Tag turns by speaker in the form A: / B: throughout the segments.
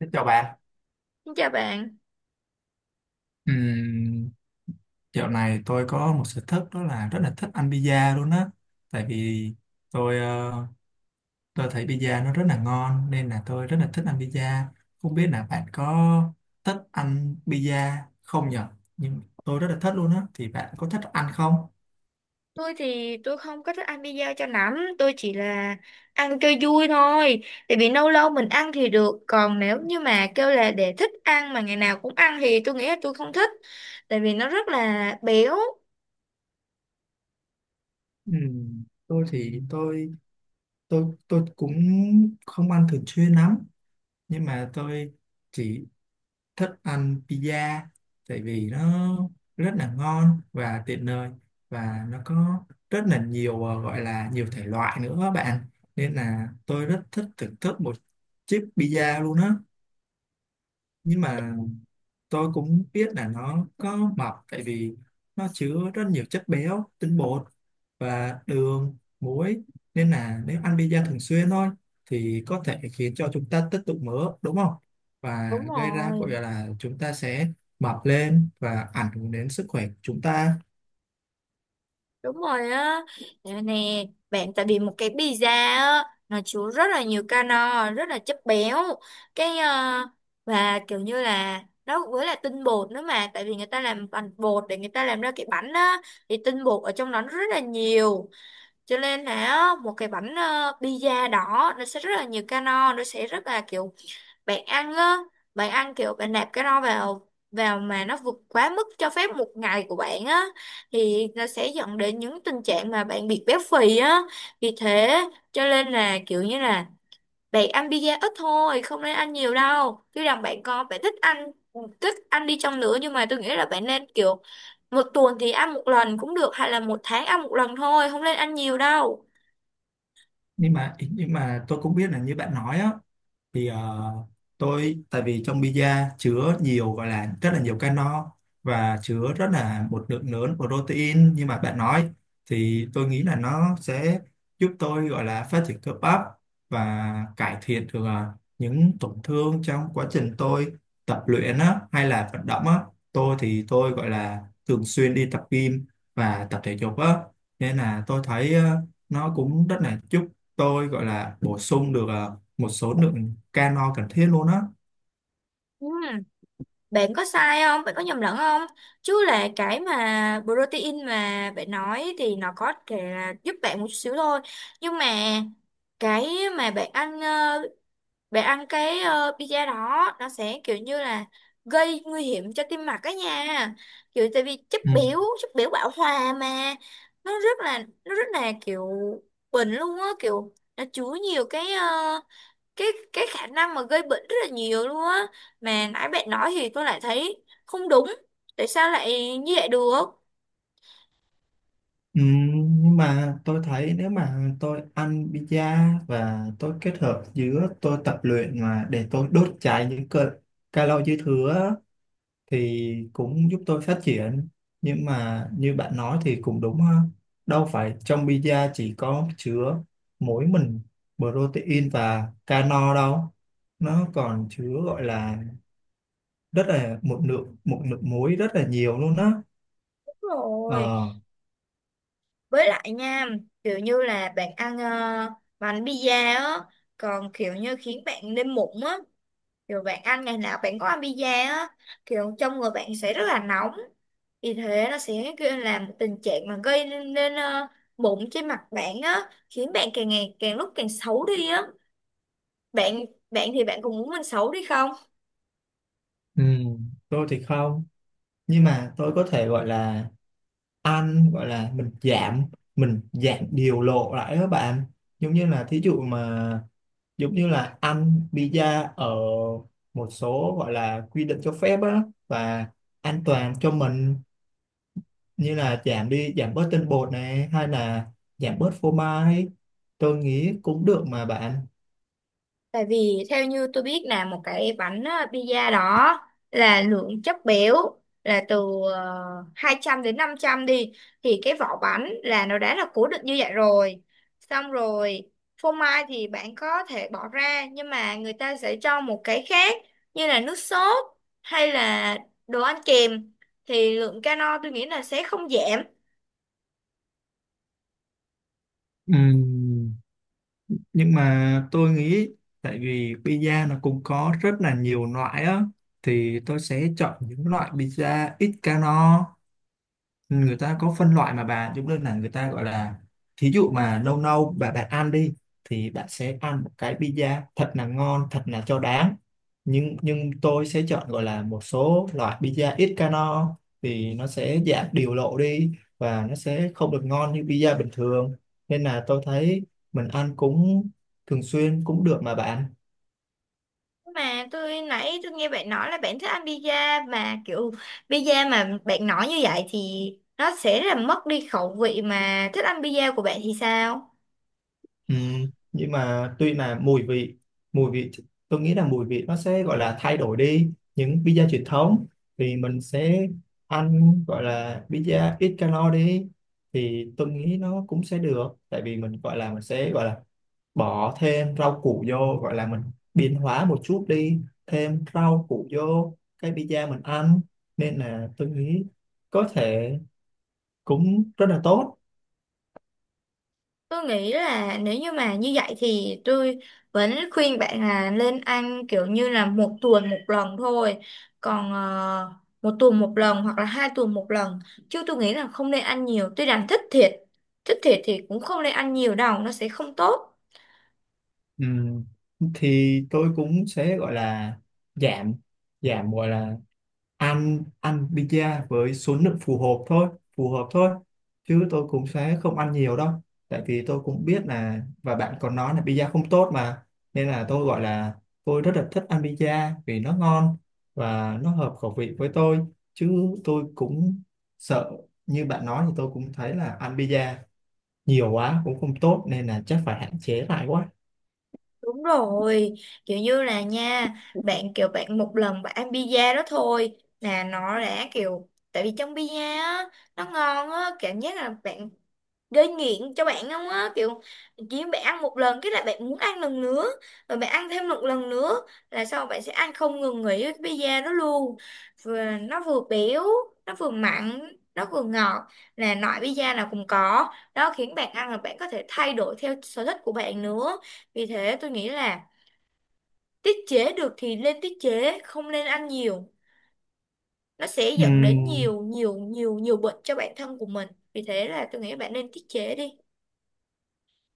A: Xin chào bạn.
B: Xin chào bạn,
A: Ừm, Dạo này tôi có một sở thích đó là rất là thích ăn pizza luôn á. Tại vì tôi ờ, tôi thấy pizza nó rất là ngon nên là tôi rất là thích ăn pizza. Không biết là bạn có thích ăn pizza không nhở? Nhưng tôi rất là thích luôn á. Thì bạn có thích ăn không?
B: tôi thì tôi không có thích ăn pizza cho lắm, tôi chỉ là ăn cho vui thôi. Tại vì lâu lâu mình ăn thì được, còn nếu như mà kêu là để thích ăn mà ngày nào cũng ăn thì tôi nghĩ là tôi không thích. Tại vì nó rất là béo.
A: Tôi thì tôi cũng không ăn thường xuyên lắm nhưng mà tôi chỉ thích ăn pizza tại vì nó rất là ngon và tiện lợi và nó có rất là nhiều gọi là nhiều thể loại nữa các bạn, nên là tôi rất thích thưởng thức một chiếc pizza luôn á. Nhưng mà tôi cũng biết là nó có mập tại vì nó chứa rất nhiều chất béo, tinh bột và đường muối, nên là nếu ăn pizza thường xuyên thôi thì có thể khiến cho chúng ta tích tụ mỡ, đúng không, và
B: Đúng
A: gây ra gọi
B: rồi.
A: là chúng ta sẽ mập lên và ảnh hưởng đến sức khỏe của chúng ta.
B: Đúng rồi á, nè, nè, bạn tại vì một cái pizza á, nó chứa rất là nhiều calo, rất là chất béo, cái ờ, và kiểu như là nó với là tinh bột nữa mà, tại vì người ta làm bằng bột để người ta làm ra cái bánh á, thì tinh bột ở trong đó nó rất là nhiều, cho nên là á, một cái bánh pizza đó nó sẽ rất là nhiều calo, nó sẽ rất là kiểu bạn ăn á, bạn ăn kiểu bạn nạp cái đó vào vào mà nó vượt quá mức cho phép một ngày của bạn á, thì nó sẽ dẫn đến những tình trạng mà bạn bị béo phì á. Vì thế cho nên là kiểu như là bạn ăn pizza ít thôi, không nên ăn nhiều đâu, chứ rằng bạn có bạn thích ăn, thích ăn đi chăng nữa nhưng mà tôi nghĩ là bạn nên kiểu một tuần thì ăn một lần cũng được, hay là một tháng ăn một lần thôi, không nên ăn nhiều đâu.
A: Nhưng mà tôi cũng biết là như bạn nói á, thì ờ, tôi tại vì trong pizza chứa nhiều gọi là rất là nhiều calo và chứa rất là một lượng lớn protein như mà bạn nói, thì tôi nghĩ là nó sẽ giúp tôi gọi là phát triển cơ bắp và cải thiện được những tổn thương trong quá trình tôi tập luyện á, hay là vận động á. Tôi thì tôi gọi là thường xuyên đi tập gym và tập thể dục á, nên là tôi thấy nó cũng rất là giúp tôi gọi là bổ sung được một số lượng calo cần thiết luôn á.
B: Ừ. Bạn có sai không? Bạn có nhầm lẫn không? Chứ là cái mà protein mà bạn nói thì nó có thể là giúp bạn một chút xíu thôi. Nhưng mà cái mà bạn bạn ăn pizza đó nó sẽ kiểu như là gây nguy hiểm cho tim mạch đó nha. Kiểu tại vì
A: Ừ.
B: chất béo bão hòa mà nó rất là nó rất là kiểu bệnh luôn á, kiểu nó chứa nhiều cái ờ, cái khả năng mà gây bệnh rất là nhiều luôn á, mà nãy bạn nói thì tôi lại thấy không đúng, tại sao lại như vậy được.
A: Ừ, nhưng mà tôi thấy nếu mà tôi ăn pizza và tôi kết hợp giữa tôi tập luyện mà để tôi đốt cháy những calo calo dư thừa á, thì cũng giúp tôi phát triển. Nhưng mà như bạn nói thì cũng đúng ha, đâu phải trong pizza chỉ có chứa mỗi mình protein và calo đâu, nó còn chứa gọi là rất là một lượng muối rất là nhiều luôn á.
B: Đúng rồi,
A: Ờ.
B: với lại nha, kiểu như là bạn bánh pizza á còn kiểu như khiến bạn lên mụn á, kiểu bạn ăn ngày nào bạn có ăn pizza á, kiểu trong người bạn sẽ rất là nóng, vì thế nó sẽ gây là một tình trạng mà gây nên mụn trên mặt bạn á, khiến bạn càng ngày càng lúc càng xấu đi á. Bạn bạn thì bạn cũng muốn mình xấu đi không.
A: Ừ, tôi thì không, nhưng mà tôi có thể gọi là ăn gọi là mình giảm điều lộ lại các bạn, giống như là thí dụ mà giống như là ăn pizza ở một số gọi là quy định cho phép á và an toàn cho mình, như là giảm đi giảm bớt tinh bột này hay là giảm bớt phô mai, tôi nghĩ cũng được mà bạn.
B: Tại vì theo như tôi biết là một cái bánh pizza đó là lượng chất béo là từ ờ, 200 đến 500 đi, thì cái vỏ bánh là nó đã là cố định như vậy rồi. Xong rồi phô mai thì bạn có thể bỏ ra, nhưng mà người ta sẽ cho một cái khác như là nước sốt hay là đồ ăn kèm, thì lượng calo tôi nghĩ là sẽ không giảm.
A: Ừ. Nhưng mà tôi nghĩ tại vì pizza nó cũng có rất là nhiều loại á, thì tôi sẽ chọn những loại pizza ít calo. Người ta có phân loại mà bà, giống như là người ta gọi là thí dụ mà lâu lâu bà bạn ăn đi thì bạn sẽ ăn một cái pizza thật là ngon thật là cho đáng, nhưng tôi sẽ chọn gọi là một số loại pizza ít calo thì nó sẽ giảm điều lộ đi và nó sẽ không được ngon như pizza bình thường, nên là tôi thấy mình ăn cũng thường xuyên cũng được mà bạn.
B: Mà tôi nãy tôi nghe bạn nói là bạn thích ăn pizza, mà kiểu pizza mà bạn nói như vậy thì nó sẽ rất là mất đi khẩu vị mà thích ăn pizza của bạn thì sao?
A: Ừ, nhưng mà tuy là mùi vị tôi nghĩ là mùi vị nó sẽ gọi là thay đổi đi những pizza truyền thống thì mình sẽ ăn gọi là pizza ít calo đi, thì tôi nghĩ nó cũng sẽ được tại vì mình gọi là mình sẽ gọi là bỏ thêm rau củ vô, gọi là mình biến hóa một chút đi, thêm rau củ vô cái pizza mình ăn, nên là tôi nghĩ có thể cũng rất là tốt.
B: Tôi nghĩ là nếu như mà như vậy thì tôi vẫn khuyên bạn là lên ăn kiểu như là một tuần một lần thôi. Còn một tuần một lần hoặc là 2 tuần một lần. Chứ tôi nghĩ là không nên ăn nhiều. Tôi đang thích thịt. Thích thịt thì cũng không nên ăn nhiều đâu. Nó sẽ không tốt.
A: Ừ, thì tôi cũng sẽ gọi là giảm giảm gọi là ăn ăn pizza với số lượng phù hợp thôi, chứ tôi cũng sẽ không ăn nhiều đâu, tại vì tôi cũng biết là và bạn còn nói là pizza không tốt mà, nên là tôi gọi là tôi rất là thích ăn pizza vì nó ngon và nó hợp khẩu vị với tôi, chứ tôi cũng sợ như bạn nói thì tôi cũng thấy là ăn pizza nhiều quá cũng không tốt, nên là chắc phải hạn chế lại quá.
B: Đúng rồi, kiểu như là nha, bạn kiểu bạn một lần bạn ăn pizza đó thôi là nó đã kiểu, tại vì trong pizza á nó ngon á, cảm giác là bạn gây nghiện cho bạn không á, kiểu chỉ bạn ăn một lần cái là bạn muốn ăn lần nữa, rồi bạn ăn thêm một lần nữa, là sau bạn sẽ ăn không ngừng nghỉ cái pizza đó luôn. Vừa nó vừa béo, nó vừa mặn, nó vừa ngọt, là loại pizza nào cũng có đó, khiến bạn ăn là bạn có thể thay đổi theo sở thích của bạn nữa. Vì thế tôi nghĩ là tiết chế được thì nên tiết chế, không nên ăn nhiều, nó sẽ dẫn đến
A: Ừm,
B: nhiều nhiều nhiều nhiều bệnh cho bản thân của mình, vì thế là tôi nghĩ bạn nên tiết chế đi.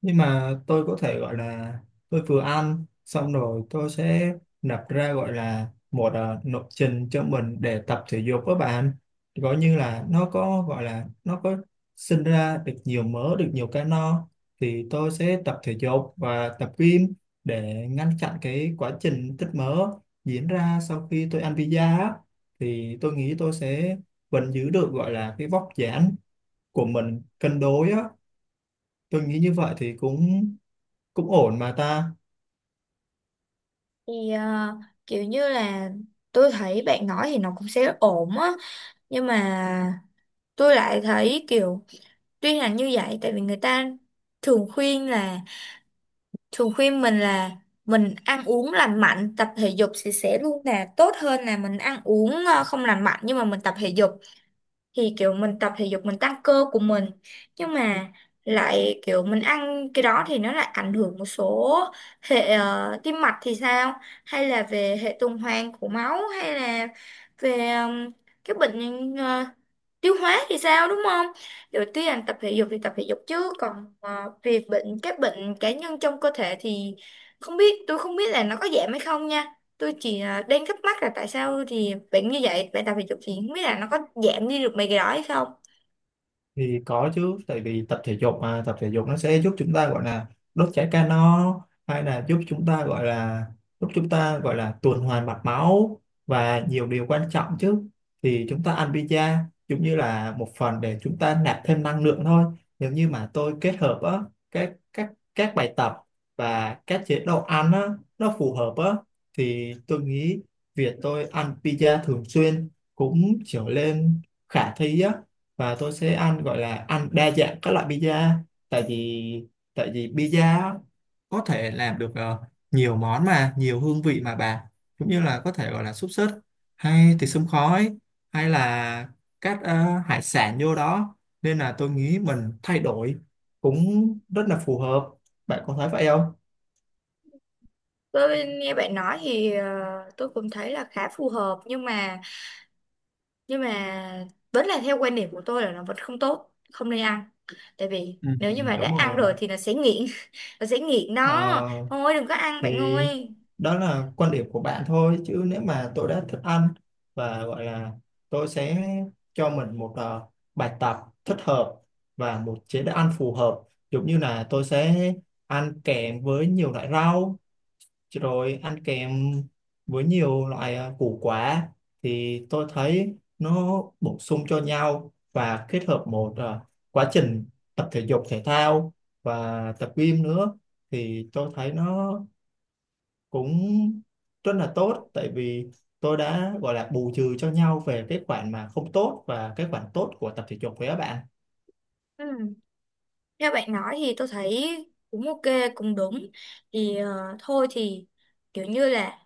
A: nhưng mà tôi có thể gọi là tôi vừa ăn xong rồi tôi sẽ nạp ra gọi là một lộ trình cho mình để tập thể dục với bạn, gọi như là nó có gọi là nó có sinh ra được nhiều mỡ được nhiều calo, thì tôi sẽ tập thể dục và tập gym để ngăn chặn cái quá trình tích mỡ diễn ra sau khi tôi ăn pizza á. Thì tôi nghĩ tôi sẽ vẫn giữ được gọi là cái vóc dáng của mình cân đối á, tôi nghĩ như vậy thì cũng cũng ổn mà ta.
B: thì ờ, Kiểu như là tôi thấy bạn nói thì nó cũng sẽ ổn á, nhưng mà tôi lại thấy kiểu tuy là như vậy, tại vì người ta thường khuyên là, thường khuyên mình là mình ăn uống lành mạnh tập thể dục thì sẽ luôn là tốt hơn là mình ăn uống không lành mạnh nhưng mà mình tập thể dục. Thì kiểu mình tập thể dục mình tăng cơ của mình, nhưng mà lại kiểu mình ăn cái đó thì nó lại ảnh hưởng một số hệ tim mạch thì sao, hay là về hệ tuần hoàn của máu, hay là về cái bệnh tiêu hóa thì sao, đúng không. Đầu tiên tập thể dục thì tập thể dục, chứ còn về bệnh, các bệnh cá nhân trong cơ thể thì không biết, tôi không biết là nó có giảm hay không nha. Tôi chỉ đang thắc mắc là tại sao thì bệnh như vậy bạn tập thể dục thì không biết là nó có giảm đi được mấy cái đó hay không.
A: Thì có chứ, tại vì tập thể dục nó sẽ giúp chúng ta gọi là đốt cháy calo hay là giúp chúng ta gọi là tuần hoàn mạch máu và nhiều điều quan trọng chứ. Thì chúng ta ăn pizza giống như là một phần để chúng ta nạp thêm năng lượng thôi, nếu như mà tôi kết hợp á các bài tập và các chế độ ăn á nó phù hợp á, thì tôi nghĩ việc tôi ăn pizza thường xuyên cũng trở lên khả thi á, và tôi sẽ ăn gọi là ăn đa dạng các loại pizza, tại vì tại vì pizza có thể làm được nhiều món mà nhiều hương vị mà bà, cũng như là có thể gọi là xúc xích hay thịt xông khói hay là các hải sản vô đó, nên là tôi nghĩ mình thay đổi cũng rất là phù hợp, bạn có thấy vậy không?
B: Tôi nghe bạn nói thì tôi cũng thấy là khá phù hợp, nhưng mà vẫn là theo quan điểm của tôi là nó vẫn không tốt, không nên ăn, tại vì
A: Ừ,
B: nếu như mà
A: đúng
B: đã ăn
A: rồi.
B: rồi thì nó sẽ nghiện. Nó sẽ nghiện
A: Ờ,
B: đó, thôi đừng có ăn bạn
A: thì
B: ơi.
A: đó là quan điểm của bạn thôi, chứ nếu mà tôi đã thích ăn và gọi là tôi sẽ cho mình một bài tập thích hợp và một chế độ ăn phù hợp, giống như là tôi sẽ ăn kèm với nhiều loại rau rồi ăn kèm với nhiều loại củ quả, thì tôi thấy nó bổ sung cho nhau và kết hợp một quá trình tập thể dục thể thao và tập gym nữa, thì tôi thấy nó cũng rất là tốt, tại vì tôi đã gọi là bù trừ cho nhau về cái khoản mà không tốt và cái khoản tốt của tập thể dục với các bạn.
B: Ừ. Theo bạn nói thì tôi thấy cũng ok, cũng đúng. Thôi thì kiểu như là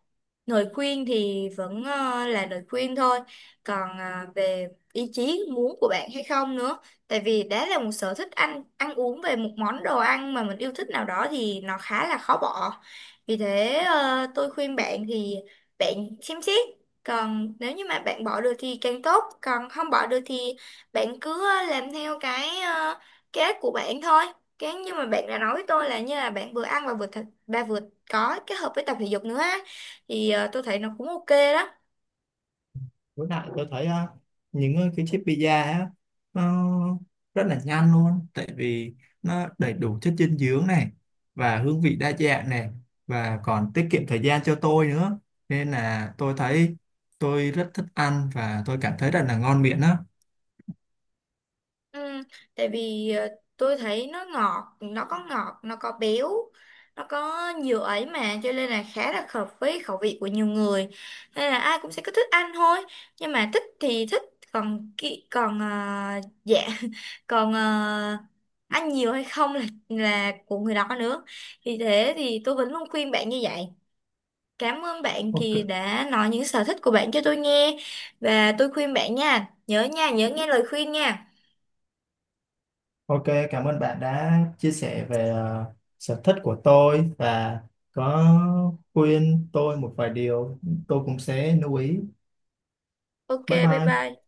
B: lời khuyên thì vẫn là lời khuyên thôi, còn về ý chí muốn của bạn hay không nữa. Tại vì đã là một sở thích ăn ăn uống về một món đồ ăn mà mình yêu thích nào đó thì nó khá là khó bỏ. Vì thế tôi khuyên bạn thì bạn xem xét, còn nếu như mà bạn bỏ được thì càng tốt, còn không bỏ được thì bạn cứ làm theo cái uh, kế hoạch của bạn thôi. Cái nhưng mà bạn đã nói với tôi là như là bạn vừa ăn và vừa thật, và vừa có kết hợp với tập thể dục nữa á, thì tôi thấy nó cũng ok đó.
A: Với lại tôi thấy những cái chiếc pizza á nó rất là nhanh luôn, tại vì nó đầy đủ chất dinh dưỡng này và hương vị đa dạng này và còn tiết kiệm thời gian cho tôi nữa, nên là tôi thấy tôi rất thích ăn và tôi cảm thấy rất là ngon miệng á.
B: Ừ, tại vì tôi thấy nó ngọt, nó có ngọt, nó có béo, nó có nhiều ấy mà, cho nên là khá là hợp với khẩu vị của nhiều người, nên là ai cũng sẽ cứ thích ăn thôi. Nhưng mà thích thì thích, còn kỹ còn dạ còn ăn nhiều hay không là của người đó nữa. Thì thế thì tôi vẫn luôn khuyên bạn như vậy. Cảm ơn bạn
A: Ok.
B: Kỳ đã nói những sở thích của bạn cho tôi nghe, và tôi khuyên bạn nha, nhớ nghe lời khuyên nha.
A: Ok, cảm ơn bạn đã chia sẻ về sở thích của tôi và có khuyên tôi một vài điều, tôi cũng sẽ lưu ý.
B: Ok,
A: Bye
B: bye
A: bye.
B: bye.